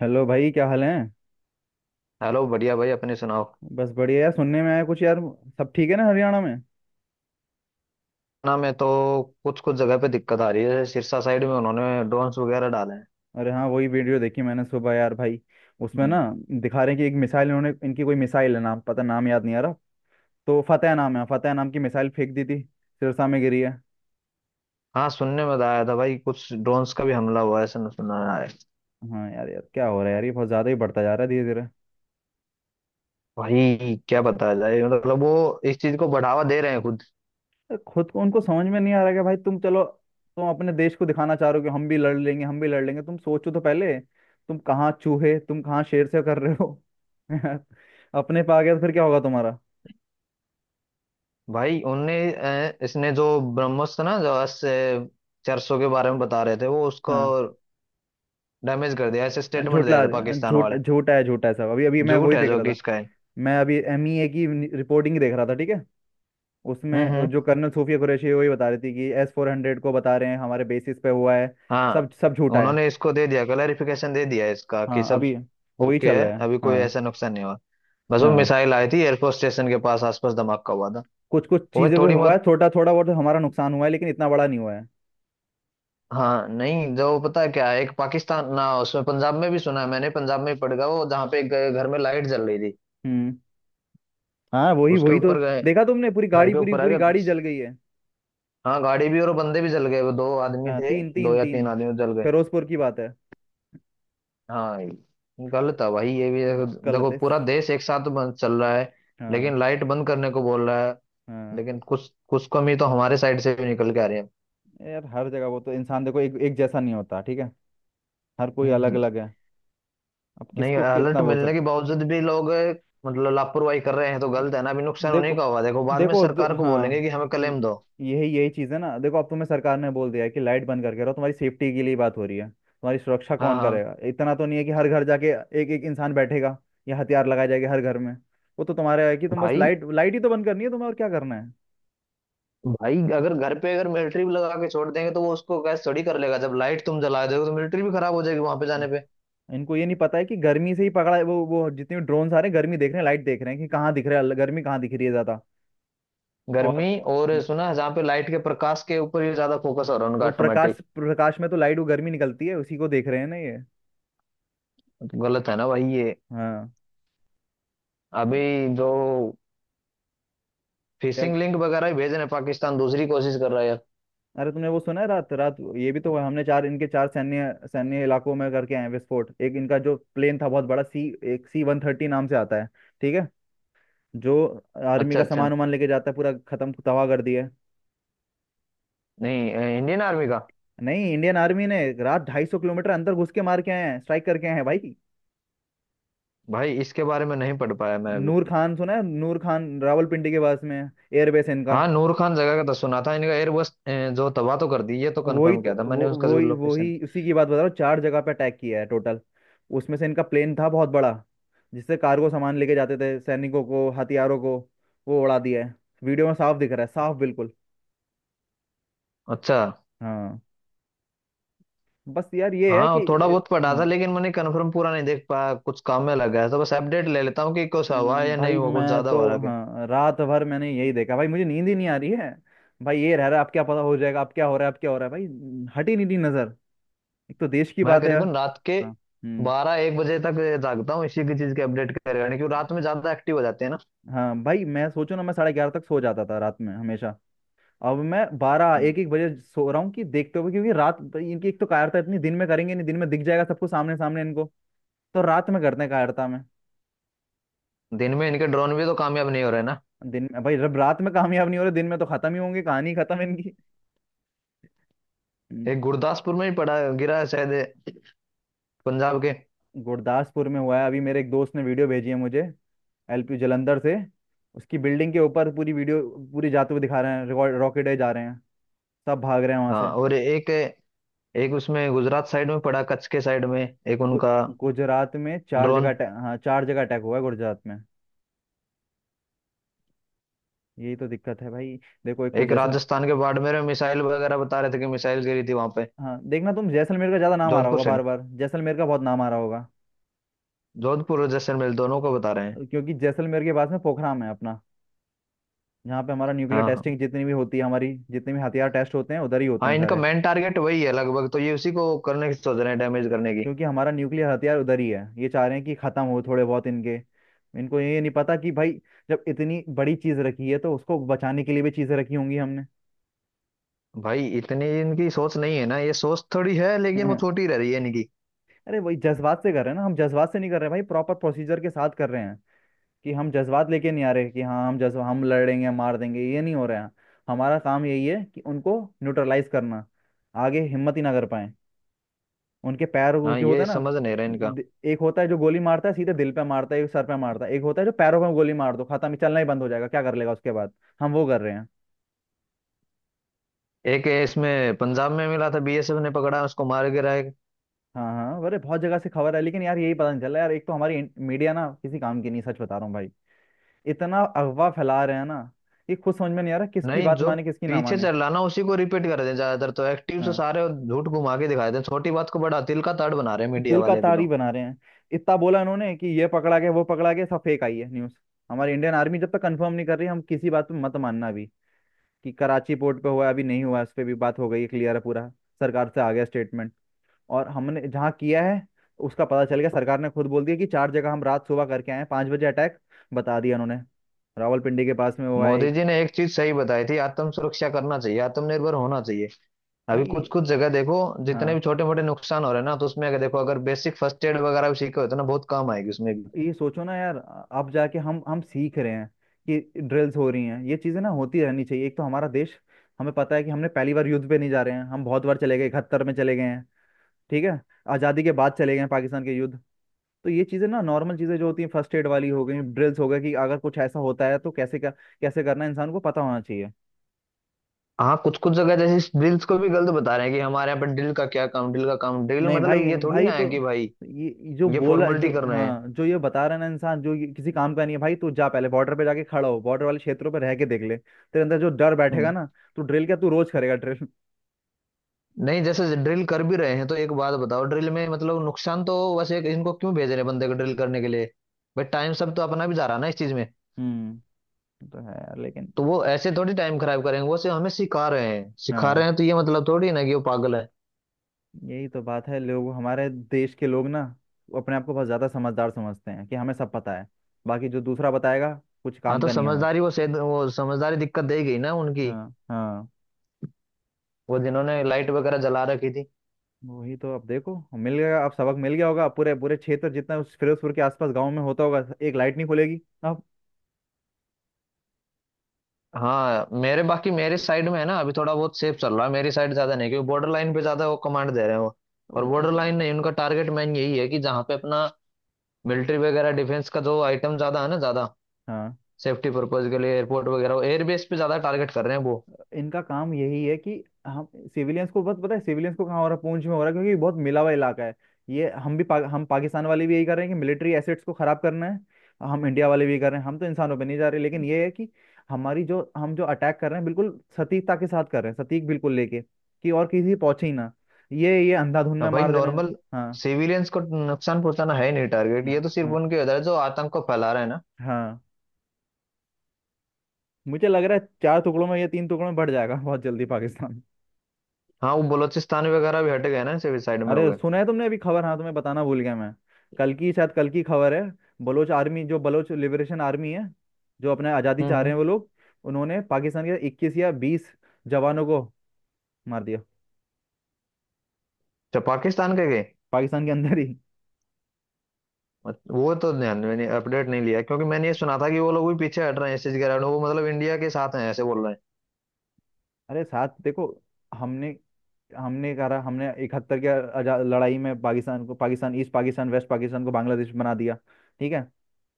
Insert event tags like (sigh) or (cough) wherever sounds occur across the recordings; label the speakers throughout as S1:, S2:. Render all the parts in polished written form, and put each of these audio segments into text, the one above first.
S1: Hello भाई, क्या हाल है।
S2: हेलो, बढ़िया भाई। अपने सुनाओ।
S1: बस बढ़िया यार। सुनने में आया कुछ यार, सब ठीक है ना हरियाणा में।
S2: ना मैं तो कुछ कुछ जगह पे दिक्कत आ रही है, जैसे सिरसा साइड में उन्होंने ड्रोन्स वगैरह डाले हैं।
S1: अरे हाँ, वही वीडियो देखी मैंने सुबह यार भाई। उसमें ना
S2: हम्म।
S1: दिखा रहे हैं कि एक मिसाइल इन्होंने, इनकी कोई मिसाइल है, नाम पता, नाम याद नहीं आ रहा। तो फतेह नाम है, फतेह नाम की मिसाइल फेंक दी थी। सिरसा में गिरी है।
S2: हाँ, सुनने में तो आया था भाई, कुछ ड्रोन्स का भी हमला हुआ है ऐसा सुना है।
S1: हाँ यार, यार क्या हो रहा है यार, ये बहुत ज़्यादा ही बढ़ता जा रहा है धीरे धीरे।
S2: भाई क्या बताया जाए, मतलब वो इस चीज को बढ़ावा दे रहे हैं खुद।
S1: अरे खुद को उनको समझ में नहीं आ रहा कि भाई तुम चलो, तुम अपने देश को दिखाना चाह रहे हो कि हम भी लड़ लेंगे हम भी लड़ लेंगे, तुम सोचो तो पहले, तुम कहाँ चूहे, तुम कहाँ शेर से कर रहे हो। (laughs) अपने पे आ गया तो फिर क्या होगा तुम्हारा।
S2: भाई उनने इसने जो ब्रह्मोस था ना, जो ऐसे चर्चों के बारे में बता रहे थे वो, उसको
S1: हाँ,
S2: डैमेज कर दिया, ऐसे स्टेटमेंट दे रहे
S1: झोटला
S2: थे पाकिस्तान
S1: झोट
S2: वाले।
S1: झोटा है, झोटा है सब। अभी अभी मैं
S2: झूठ
S1: वही
S2: है
S1: देख
S2: जो
S1: रहा
S2: कि
S1: था।
S2: इसका है।
S1: मैं अभी MEA की रिपोर्टिंग देख रहा था, ठीक है। उसमें
S2: हम्म।
S1: जो कर्नल सूफिया कुरैशी है, वही बता रही थी कि S-400 को बता रहे हैं हमारे बेसिस पे हुआ है।
S2: हाँ।
S1: सब सब झूठा है।
S2: उन्होंने इसको दे दिया, क्लैरिफिकेशन दे दिया इसका कि
S1: हाँ
S2: सब
S1: अभी वही
S2: ओके
S1: चल
S2: है,
S1: रहा है।
S2: अभी कोई
S1: हाँ
S2: ऐसा नुकसान नहीं हुआ। बस वो
S1: हाँ,
S2: मिसाइल आई थी, एयरफोर्स स्टेशन के पास आसपास धमाका हुआ था।
S1: कुछ कुछ
S2: वो भाई
S1: चीज़ें भी
S2: थोड़ी
S1: हुआ है,
S2: बहुत,
S1: छोटा थोड़ा बहुत हमारा नुकसान हुआ है, लेकिन इतना बड़ा नहीं हुआ है।
S2: हाँ, नहीं, जो पता है क्या है, एक पाकिस्तान ना, उसमें पंजाब में भी सुना है मैंने, पंजाब में ही पड़ गया वो, जहाँ पे एक घर में लाइट जल रही थी,
S1: हम्म। हाँ वही
S2: उसके
S1: वही तो।
S2: ऊपर गए,
S1: देखा तुमने, पूरी
S2: घर
S1: गाड़ी,
S2: के
S1: पूरी
S2: ऊपर आ
S1: पूरी
S2: गए।
S1: गाड़ी जल गई है।
S2: हाँ, गाड़ी भी और बंदे भी जल गए, वो दो आदमी
S1: हाँ,
S2: थे,
S1: तीन,
S2: दो
S1: तीन,
S2: या तीन
S1: तीन।
S2: आदमी जल गए।
S1: फिरोजपुर की बात है।
S2: हाँ गलत है भाई ये भी। देखो,
S1: बहुत
S2: देखो,
S1: गलत है।
S2: पूरा देश एक साथ बंद चल रहा है,
S1: हाँ।
S2: लेकिन लाइट बंद करने को बोल रहा है,
S1: हाँ
S2: लेकिन कुछ कुछ कमी तो हमारे साइड से भी निकल के आ रही है।
S1: यार, हर जगह वो तो, इंसान देखो एक एक जैसा नहीं होता ठीक है। हर कोई
S2: हम्म
S1: अलग
S2: हम्म।
S1: अलग है। अब
S2: नहीं,
S1: किसको
S2: अलर्ट
S1: कितना बोल
S2: मिलने के
S1: सकते।
S2: बावजूद भी लोग मतलब लापरवाही कर रहे हैं तो गलत है ना, अभी नुकसान उन्हीं
S1: देखो,
S2: का होगा, देखो बाद में सरकार को बोलेंगे
S1: हाँ
S2: कि हमें
S1: वो-
S2: क्लेम दो।
S1: यही यही चीज़ है ना। देखो, अब तुम्हें सरकार ने बोल दिया है कि लाइट बंद करके रहो, तुम्हारी सेफ्टी के लिए बात हो रही है। तुम्हारी सुरक्षा
S2: हाँ
S1: कौन
S2: हाँ।
S1: करेगा, इतना तो नहीं है कि हर घर जाके एक एक इंसान बैठेगा या हथियार लगाए जाएगा हर घर में। वो तो तुम्हारा है कि तुम बस
S2: भाई,
S1: लाइट, लाइट ही तो बंद करनी है तुम्हें, और क्या करना है।
S2: भाई अगर घर पे अगर मिलिट्री भी लगा के छोड़ देंगे तो वो उसको गैस थोड़ी कर लेगा, जब लाइट तुम जला दोगे तो मिलिट्री भी खराब हो जाएगी वहां पे जाने पे।
S1: इनको ये नहीं पता है कि गर्मी से ही पकड़ा है। वो जितने ड्रोन आ रहे हैं, गर्मी देख रहे हैं, लाइट देख रहे हैं, कि कहाँ दिख रहा है, गर्मी कहाँ दिख रही है ज्यादा।
S2: गर्मी।
S1: और
S2: और सुना है, जहाँ पे लाइट के प्रकाश के ऊपर ही ज्यादा फोकस हो रहा है उनका
S1: वो प्रकाश,
S2: ऑटोमेटिक।
S1: प्रकाश में तो लाइट, वो गर्मी निकलती है, उसी को देख रहे हैं ना ये।
S2: गलत है ना भाई ये।
S1: हाँ। अरे
S2: अभी जो
S1: क्या।
S2: फिशिंग लिंक वगैरह ही भेज रहे हैं, पाकिस्तान दूसरी कोशिश कर रहा है।
S1: अरे तुमने वो सुना है, रात रात ये भी तो हुआ, हमने चार इनके, चार सैन्य, सैन्य इलाकों में करके आए हैं विस्फोट। एक इनका जो प्लेन था बहुत बड़ा सी, एक C-130 नाम से आता है, ठीक है, जो आर्मी
S2: अच्छा
S1: का
S2: अच्छा।
S1: सामान वामान लेके जाता है, पूरा खत्म तबाह कर दिया है।
S2: नहीं, इंडियन आर्मी का?
S1: नहीं, इंडियन आर्मी ने रात 250 किलोमीटर अंदर घुस के मार के आए हैं, स्ट्राइक करके आए हैं भाई।
S2: भाई इसके बारे में नहीं पढ़ पाया मैं अभी।
S1: नूर खान सुना है, नूर खान रावलपिंडी के पास में एयरबेस है इनका।
S2: हाँ नूर खान जगह का तो सुना था इनका एयरबस जो तबाह तो कर दी, ये तो
S1: वही
S2: कंफर्म
S1: तो,
S2: किया था मैंने
S1: वो
S2: उसका जो
S1: वही,
S2: लोकेशन।
S1: उसी की बात बता रहा हूँ। चार जगह पे अटैक किया है टोटल। उसमें से इनका प्लेन था बहुत बड़ा, जिससे कार्गो सामान लेके जाते थे सैनिकों को हथियारों को, वो उड़ा दिया है। वीडियो में साफ दिख रहा है, साफ बिल्कुल।
S2: अच्छा।
S1: हाँ। बस यार ये है
S2: हाँ
S1: कि
S2: वो थोड़ा बहुत पढ़ा था
S1: हाँ।
S2: लेकिन मैंने कंफर्म पूरा नहीं देख पाया, कुछ काम में लग गया था, बस अपडेट ले लेता हूँ कि कुछ हुआ है या नहीं
S1: भाई
S2: हुआ, कुछ
S1: मैं
S2: ज्यादा
S1: तो,
S2: हो रहा है।
S1: हाँ रात भर मैंने यही देखा भाई, मुझे नींद ही नहीं आ रही है भाई। ये रह रहा है अब, क्या पता हो जाएगा, अब क्या हो रहा है, अब क्या हो रहा है भाई। हट ही नहीं रही नजर। एक तो देश की
S2: मैं
S1: बात है यार।
S2: करीबन रात के
S1: हाँ, हम्म।
S2: बारह एक बजे तक जागता हूँ इसी की चीज के अपडेट करे, यानी कि रात में ज्यादा एक्टिव हो जाते हैं ना।
S1: हाँ भाई, मैं सोचो ना, मैं 11:30 तक सो जाता था रात में हमेशा। अब मैं 12, एक एक बजे सो रहा हूँ, कि देखते हुए। क्योंकि रात, इनकी एक तो कायरता इतनी, दिन में करेंगे नहीं, दिन में दिख जाएगा सबको सामने, सामने इनको। तो रात में करते हैं, कायरता में।
S2: दिन में इनके ड्रोन भी तो कामयाब नहीं हो रहे ना।
S1: दिन में भाई, जब रात में कामयाब नहीं हो रहे, दिन में तो खत्म ही होंगे, कहानी खत्म इनकी। हम्म।
S2: एक गुरदासपुर में ही पड़ा गिरा है शायद, पंजाब के।
S1: गुरदासपुर में हुआ है अभी, मेरे एक दोस्त ने वीडियो भेजी है मुझे, LP जलंधर से। उसकी बिल्डिंग के ऊपर पूरी वीडियो, पूरी जाते हुए दिखा रहे हैं, रिकॉर्ड, रॉकेट है जा रहे हैं, सब भाग रहे हैं वहां
S2: हाँ,
S1: से।
S2: और एक, एक उसमें गुजरात साइड में पड़ा, कच्छ के साइड में, एक
S1: गु,
S2: उनका
S1: गुजरात में चार जगह
S2: ड्रोन।
S1: हाँ, चार जगह अटैक हुआ है गुजरात में। यही तो दिक्कत है भाई। देखो एक तो
S2: एक
S1: जैसल
S2: राजस्थान के बाड़मेर में मिसाइल वगैरह बता रहे थे कि मिसाइल गिरी थी वहां पे।
S1: हाँ देखना, तुम जैसलमेर का ज्यादा नाम आ रहा
S2: जोधपुर
S1: होगा,
S2: साइड,
S1: बार बार जैसलमेर का बहुत नाम आ रहा होगा।
S2: जोधपुर और जैसलमेर दोनों को बता रहे हैं।
S1: क्योंकि जैसलमेर के पास में पोखराम है अपना, जहाँ पे हमारा न्यूक्लियर
S2: हाँ
S1: टेस्टिंग
S2: हाँ।
S1: जितनी भी होती है, हमारी जितने भी हथियार टेस्ट होते हैं उधर ही होते
S2: हाँ
S1: हैं
S2: इनका
S1: सारे।
S2: मेन टारगेट वही है लगभग, तो ये उसी को करने की सोच रहे हैं, डैमेज करने की।
S1: क्योंकि हमारा न्यूक्लियर हथियार उधर ही है। ये चाह रहे हैं कि खत्म हो थोड़े बहुत इनके। इनको ये नहीं पता कि भाई, जब इतनी बड़ी चीज रखी है, तो उसको बचाने के लिए भी चीजें रखी होंगी हमने।
S2: भाई इतनी इनकी सोच नहीं है ना, ये सोच थोड़ी है लेकिन वो
S1: (laughs)
S2: छोटी रह रही है इनकी।
S1: अरे वही जज्बात से कर रहे हैं ना, हम जज्बात से नहीं कर रहे भाई, प्रॉपर प्रोसीजर के साथ कर रहे हैं। कि हम जज्बात लेके नहीं आ रहे, कि हाँ हम जज्बा, हम लड़ेंगे मार देंगे, ये नहीं हो रहा है। हमारा काम यही है कि उनको न्यूट्रलाइज करना, आगे हिम्मत ही ना कर पाए। उनके पैर, वो
S2: हाँ
S1: जो होता
S2: ये
S1: है ना,
S2: समझ नहीं रहा इनका।
S1: दि- एक होता है जो गोली मारता है सीधे दिल पे मारता है, एक सर पे मारता है, एक होता है जो पैरों पे गोली मार दो, खत्म, ही चलना ही बंद हो जाएगा, क्या कर लेगा उसके बाद। हम वो कर रहे हैं।
S2: एक इसमें पंजाब में मिला था, बीएसएफ ने पकड़ा, उसको मार गिरा।
S1: हाँ हाँ, अरे बहुत जगह से खबर है, लेकिन यार यही पता नहीं चला यार, एक तो हमारी मीडिया ना किसी काम की नहीं, सच बता रहा हूँ भाई। इतना अफवाह फैला रहे हैं ना, ये खुद समझ में नहीं आ रहा किसकी
S2: नहीं
S1: बात
S2: जो
S1: माने, किसकी ना
S2: पीछे
S1: माने।
S2: चल रहा ना उसी को रिपीट कर दें ज्यादातर, तो एक्टिव से
S1: हाँ,
S2: सारे झूठ घुमा के दिखाए दें, छोटी बात को बड़ा तिल का ताड़ बना रहे हैं मीडिया
S1: तिल का
S2: वाले अभी
S1: तारी
S2: तो।
S1: बना रहे हैं। इतना बोला इन्होंने कि ये पकड़ा गया, वो पकड़ा गया, सब फेक आई है न्यूज। हमारी इंडियन आर्मी जब तक कंफर्म नहीं कर रही, हम किसी बात पे मत मानना अभी। कि कराची पोर्ट पे हुआ है, अभी नहीं हुआ है, उस पर भी बात हो गई है, क्लियर है पूरा। सरकार से आ गया स्टेटमेंट। और हमने जहाँ किया है, उसका पता चल गया, सरकार ने खुद बोल दिया कि चार जगह हम रात, सुबह करके आए हैं, 5 बजे अटैक, बता दिया उन्होंने। रावलपिंडी के पास में हुआ है
S2: मोदी
S1: एक।
S2: जी ने एक चीज सही बताई थी, आत्म सुरक्षा करना चाहिए, आत्मनिर्भर होना चाहिए। अभी कुछ
S1: भाई।
S2: कुछ जगह देखो, जितने भी
S1: हाँ,
S2: छोटे मोटे नुकसान हो रहे हैं ना तो उसमें अगर देखो, अगर बेसिक फर्स्ट एड वगैरह भी सीखे हो तो ना बहुत काम आएगी उसमें भी।
S1: ये सोचो ना यार, अब जाके हम सीख रहे हैं, कि ड्रिल्स हो रही हैं। ये चीजें ना होती रहनी चाहिए, एक तो हमारा देश, हमें पता है कि हमने पहली बार युद्ध पे नहीं जा रहे हैं, हम बहुत बार चले गए, 1971 में चले गए हैं, ठीक है। आज़ादी के बाद चले गए हैं पाकिस्तान के युद्ध। तो ये चीजें ना, नॉर्मल चीजें जो होती हैं, फर्स्ट एड वाली हो गई, ड्रिल्स हो गए, कि अगर कुछ ऐसा होता है तो कैसे, क्या कैसे करना है, इंसान को पता होना चाहिए।
S2: हाँ कुछ कुछ जगह जैसे ड्रिल्स को भी गलत बता रहे हैं कि हमारे यहाँ पर ड्रिल का क्या काम, ड्रिल का काम, ड्रिल
S1: नहीं भाई,
S2: मतलब ये थोड़ी ना
S1: तो
S2: है कि भाई
S1: ये जो
S2: ये
S1: बोला,
S2: फॉर्मेलिटी
S1: जो
S2: कर रहे हैं।
S1: हाँ जो ये बता रहा है ना इंसान, जो ये किसी काम का नहीं है भाई, तू जा पहले बॉर्डर पे जाके खड़ा हो, बॉर्डर वाले क्षेत्रों पे रह के देख ले, तेरे अंदर जो डर बैठेगा
S2: हम्म।
S1: ना। तू ड्रिल क्या, तू रोज करेगा ड्रिल।
S2: नहीं, जैसे ड्रिल कर भी रहे हैं तो एक बात बताओ, ड्रिल में मतलब नुकसान तो वैसे, इनको क्यों भेज रहे हैं बंदे को ड्रिल करने के लिए? भाई टाइम सब तो अपना भी जा रहा है ना इस चीज में,
S1: हम्म। वो तो है यार लेकिन।
S2: तो वो ऐसे थोड़ी टाइम खराब करेंगे, वो सिर्फ हमें सिखा रहे हैं, सिखा
S1: हाँ,
S2: रहे हैं तो ये मतलब थोड़ी ना कि वो पागल है।
S1: यही तो बात है, लोग हमारे देश के लोग ना, वो अपने आप को बहुत ज्यादा समझदार समझते हैं कि हमें सब पता है, बाकी जो दूसरा बताएगा कुछ
S2: हाँ
S1: काम
S2: तो
S1: का नहीं है हमें।
S2: समझदारी, वो शायद वो समझदारी दिक्कत देगी ना उनकी,
S1: हाँ हाँ।
S2: वो जिन्होंने लाइट वगैरह जला रखी थी।
S1: वही तो, अब देखो मिल गया, अब सबक मिल गया होगा। अब पूरे पूरे क्षेत्र जितना उस फिरोजपुर के आसपास गांव में होता होगा, एक लाइट नहीं खुलेगी अब।
S2: हाँ मेरे, बाकी मेरे साइड में है ना अभी थोड़ा बहुत सेफ चल रहा है, मेरी साइड ज्यादा नहीं, क्योंकि बॉर्डर लाइन पे ज्यादा वो कमांड दे रहे हैं वो,
S1: तो
S2: और बॉर्डर
S1: ब-
S2: लाइन नहीं, उनका टारगेट मैन यही है कि जहाँ पे अपना मिलिट्री वगैरह डिफेंस का जो आइटम ज्यादा है ना, ज्यादा
S1: हाँ,
S2: सेफ्टी पर्पज के लिए एयरपोर्ट वगैरह एयरबेस पे ज्यादा टारगेट कर रहे हैं वो।
S1: तो इनका काम यही है कि हम सिविलियंस को बस, पता है सिविलियंस को कहाँ हो रहा है, पूंछ में हो रहा है, क्योंकि ये बहुत मिला हुआ इलाका है। ये हम भी हम पाकिस्तान वाले भी यही कर रहे हैं कि मिलिट्री एसेट्स को खराब करना है। हम इंडिया वाले भी यही कर रहे हैं, हम तो इंसानों पे नहीं जा रहे, लेकिन ये है कि हमारी जो, हम जो अटैक कर रहे हैं बिल्कुल सटीकता के साथ कर रहे हैं, सटीक बिल्कुल लेके, कि और किसी पहुंचे ही ना। ये अंधाधुंध में
S2: अब भाई
S1: मार देना है।
S2: नॉर्मल
S1: हाँ
S2: सिविलियंस को नुकसान पहुंचाना है ही नहीं टारगेट, ये
S1: हाँ
S2: तो सिर्फ
S1: हाँ
S2: उनके उधर है जो आतंक को फैला रहे हैं ना।
S1: हाँ, मुझे लग रहा है चार टुकड़ों में, या तीन टुकड़ों में बढ़ जाएगा (laughs) बहुत जल्दी पाकिस्तान।
S2: हाँ वो बलोचिस्तान वगैरह भी हट गए ना, सिविल साइड में हो
S1: अरे
S2: गए।
S1: सुना है तुमने अभी खबर? हाँ तुम्हें बताना भूल गया मैं, कल की शायद, कल की खबर है। बलोच आर्मी, जो बलोच लिबरेशन आर्मी है, जो अपने आज़ादी चाह
S2: हम्म।
S1: रहे हैं वो लोग, उन्होंने पाकिस्तान के 21 या 20 जवानों को मार दिया।
S2: तो पाकिस्तान के गए?
S1: पाकिस्तान के अंदर ही।
S2: वो तो ध्यान मैंने अपडेट नहीं लिया, क्योंकि मैंने ये सुना था कि वो लोग भी पीछे हट रहे हैं, एसएस गिरा वो, मतलब इंडिया के साथ हैं ऐसे बोल रहे हैं।
S1: अरे साथ देखो, हमने, हमने करा, हमने 1971 के लड़ाई में पाकिस्तान को, पाकिस्तान, ईस्ट पाकिस्तान, वेस्ट पाकिस्तान को बांग्लादेश बना दिया, ठीक है।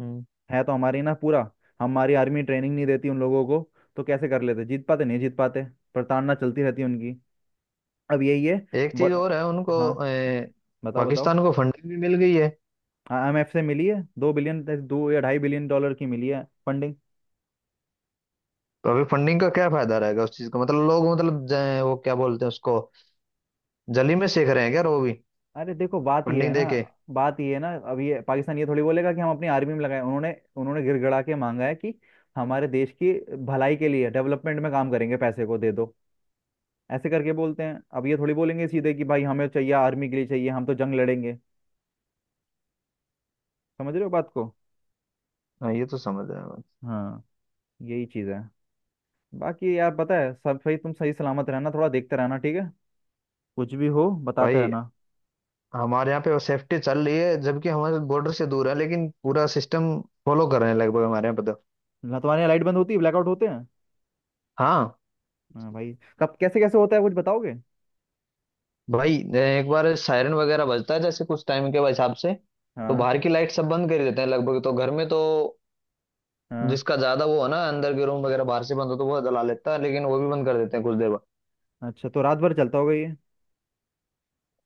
S2: हम्म।
S1: है तो हमारी ना पूरा, हमारी आर्मी ट्रेनिंग नहीं देती उन लोगों को, तो कैसे कर लेते, जीत पाते, नहीं जीत पाते, प्रताड़ना चलती रहती है उनकी। अब यही है।
S2: एक चीज
S1: ब...
S2: और है उनको
S1: हाँ, बताओ बताओ।
S2: पाकिस्तान को फंडिंग भी मिल गई है।
S1: IMF से मिली है, 2 बिलियन, दो या $2.5 बिलियन की मिली है फंडिंग।
S2: तो अभी फंडिंग का क्या फायदा रहेगा उस चीज का, मतलब लोग, मतलब वो क्या बोलते हैं उसको, जली में सेक रहे हैं क्या वो भी,
S1: अरे देखो बात ये है
S2: फंडिंग
S1: ना,
S2: दे के?
S1: बात ये है ना, अब ये पाकिस्तान ये थोड़ी बोलेगा कि हम अपनी आर्मी में लगाए, उन्होंने, उन्होंने गिड़गिड़ा के मांगा है कि हमारे देश की भलाई के लिए, डेवलपमेंट में काम करेंगे, पैसे को दे दो, ऐसे करके बोलते हैं। अब ये थोड़ी बोलेंगे सीधे कि भाई हमें चाहिए, आर्मी के लिए चाहिए, हम तो जंग लड़ेंगे। समझ रहे हो बात को।
S2: हाँ ये तो समझ रहे हैं बात।
S1: हाँ, यही चीज़ है। बाकी यार पता है सब सही, तुम सही सलामत रहना, थोड़ा देखते रहना ठीक है, कुछ भी हो बताते
S2: भाई
S1: रहना।
S2: हमारे यहाँ पे सेफ्टी चल रही है, जबकि हमारे बॉर्डर से दूर है, लेकिन पूरा सिस्टम फॉलो कर रहे हैं लगभग हमारे यहाँ पे तो।
S1: ना तुम्हारे यहाँ लाइट बंद होती है, ब्लैकआउट होते हैं।
S2: हाँ
S1: हाँ भाई, कब कैसे कैसे होता है कुछ बताओगे।
S2: भाई। एक बार सायरन वगैरह बजता है जैसे कुछ टाइम के हिसाब से, तो
S1: हाँ
S2: बाहर की लाइट सब बंद कर ही देते हैं लगभग, तो घर में तो
S1: हाँ।
S2: जिसका ज्यादा वो है ना, अंदर के रूम वगैरह बाहर से बंद हो तो वो जला लेता है, लेकिन वो भी बंद कर देते हैं कुछ देर बाद।
S1: अच्छा, तो रात भर चलता होगा ये।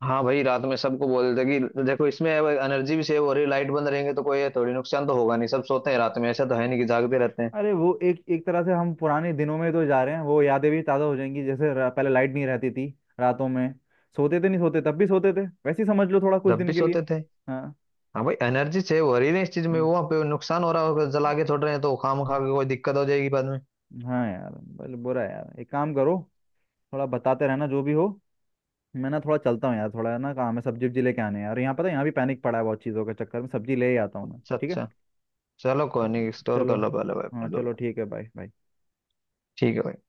S2: हाँ भाई रात में सबको बोल देते कि देखो इसमें एनर्जी भी सेव हो रही है, लाइट बंद रहेंगे तो कोई थोड़ी नुकसान तो होगा नहीं, सब सोते हैं रात में, ऐसा तो है नहीं कि जागते रहते हैं।
S1: अरे वो एक एक तरह से हम पुराने दिनों में तो जा रहे हैं, वो यादें भी ताज़ा हो जाएंगी, जैसे पहले लाइट नहीं रहती थी रातों में, सोते थे, नहीं सोते, तब भी सोते थे, वैसे ही समझ लो थोड़ा, कुछ
S2: जब भी
S1: दिन के लिए।
S2: सोते थे।
S1: हाँ।
S2: हाँ भाई एनर्जी सेव हो रही है इस चीज में,
S1: हम्म,
S2: वहाँ पे नुकसान हो रहा होगा जला के छोड़ रहे हैं तो, खाम खा के कोई दिक्कत हो जाएगी बाद में।
S1: हाँ यार। बल बुरा है यार, एक काम करो, थोड़ा बताते रहना जो भी हो, मैं ना थोड़ा चलता हूँ यार, थोड़ा ना काम है, सब्जी वब्जी लेके आने हैं यार, यहाँ पता है यहाँ भी पैनिक पड़ा है, बहुत चीज़ों के चक्कर में सब्जी ले ही आता हूँ मैं
S2: अच्छा
S1: ठीक है।
S2: अच्छा, चलो कोई नहीं, स्टोर
S1: चलो,
S2: कर लो पहले भाई अपना
S1: हाँ
S2: जो भी
S1: चलो
S2: है।
S1: ठीक है, बाय बाय।
S2: ठीक है भाई।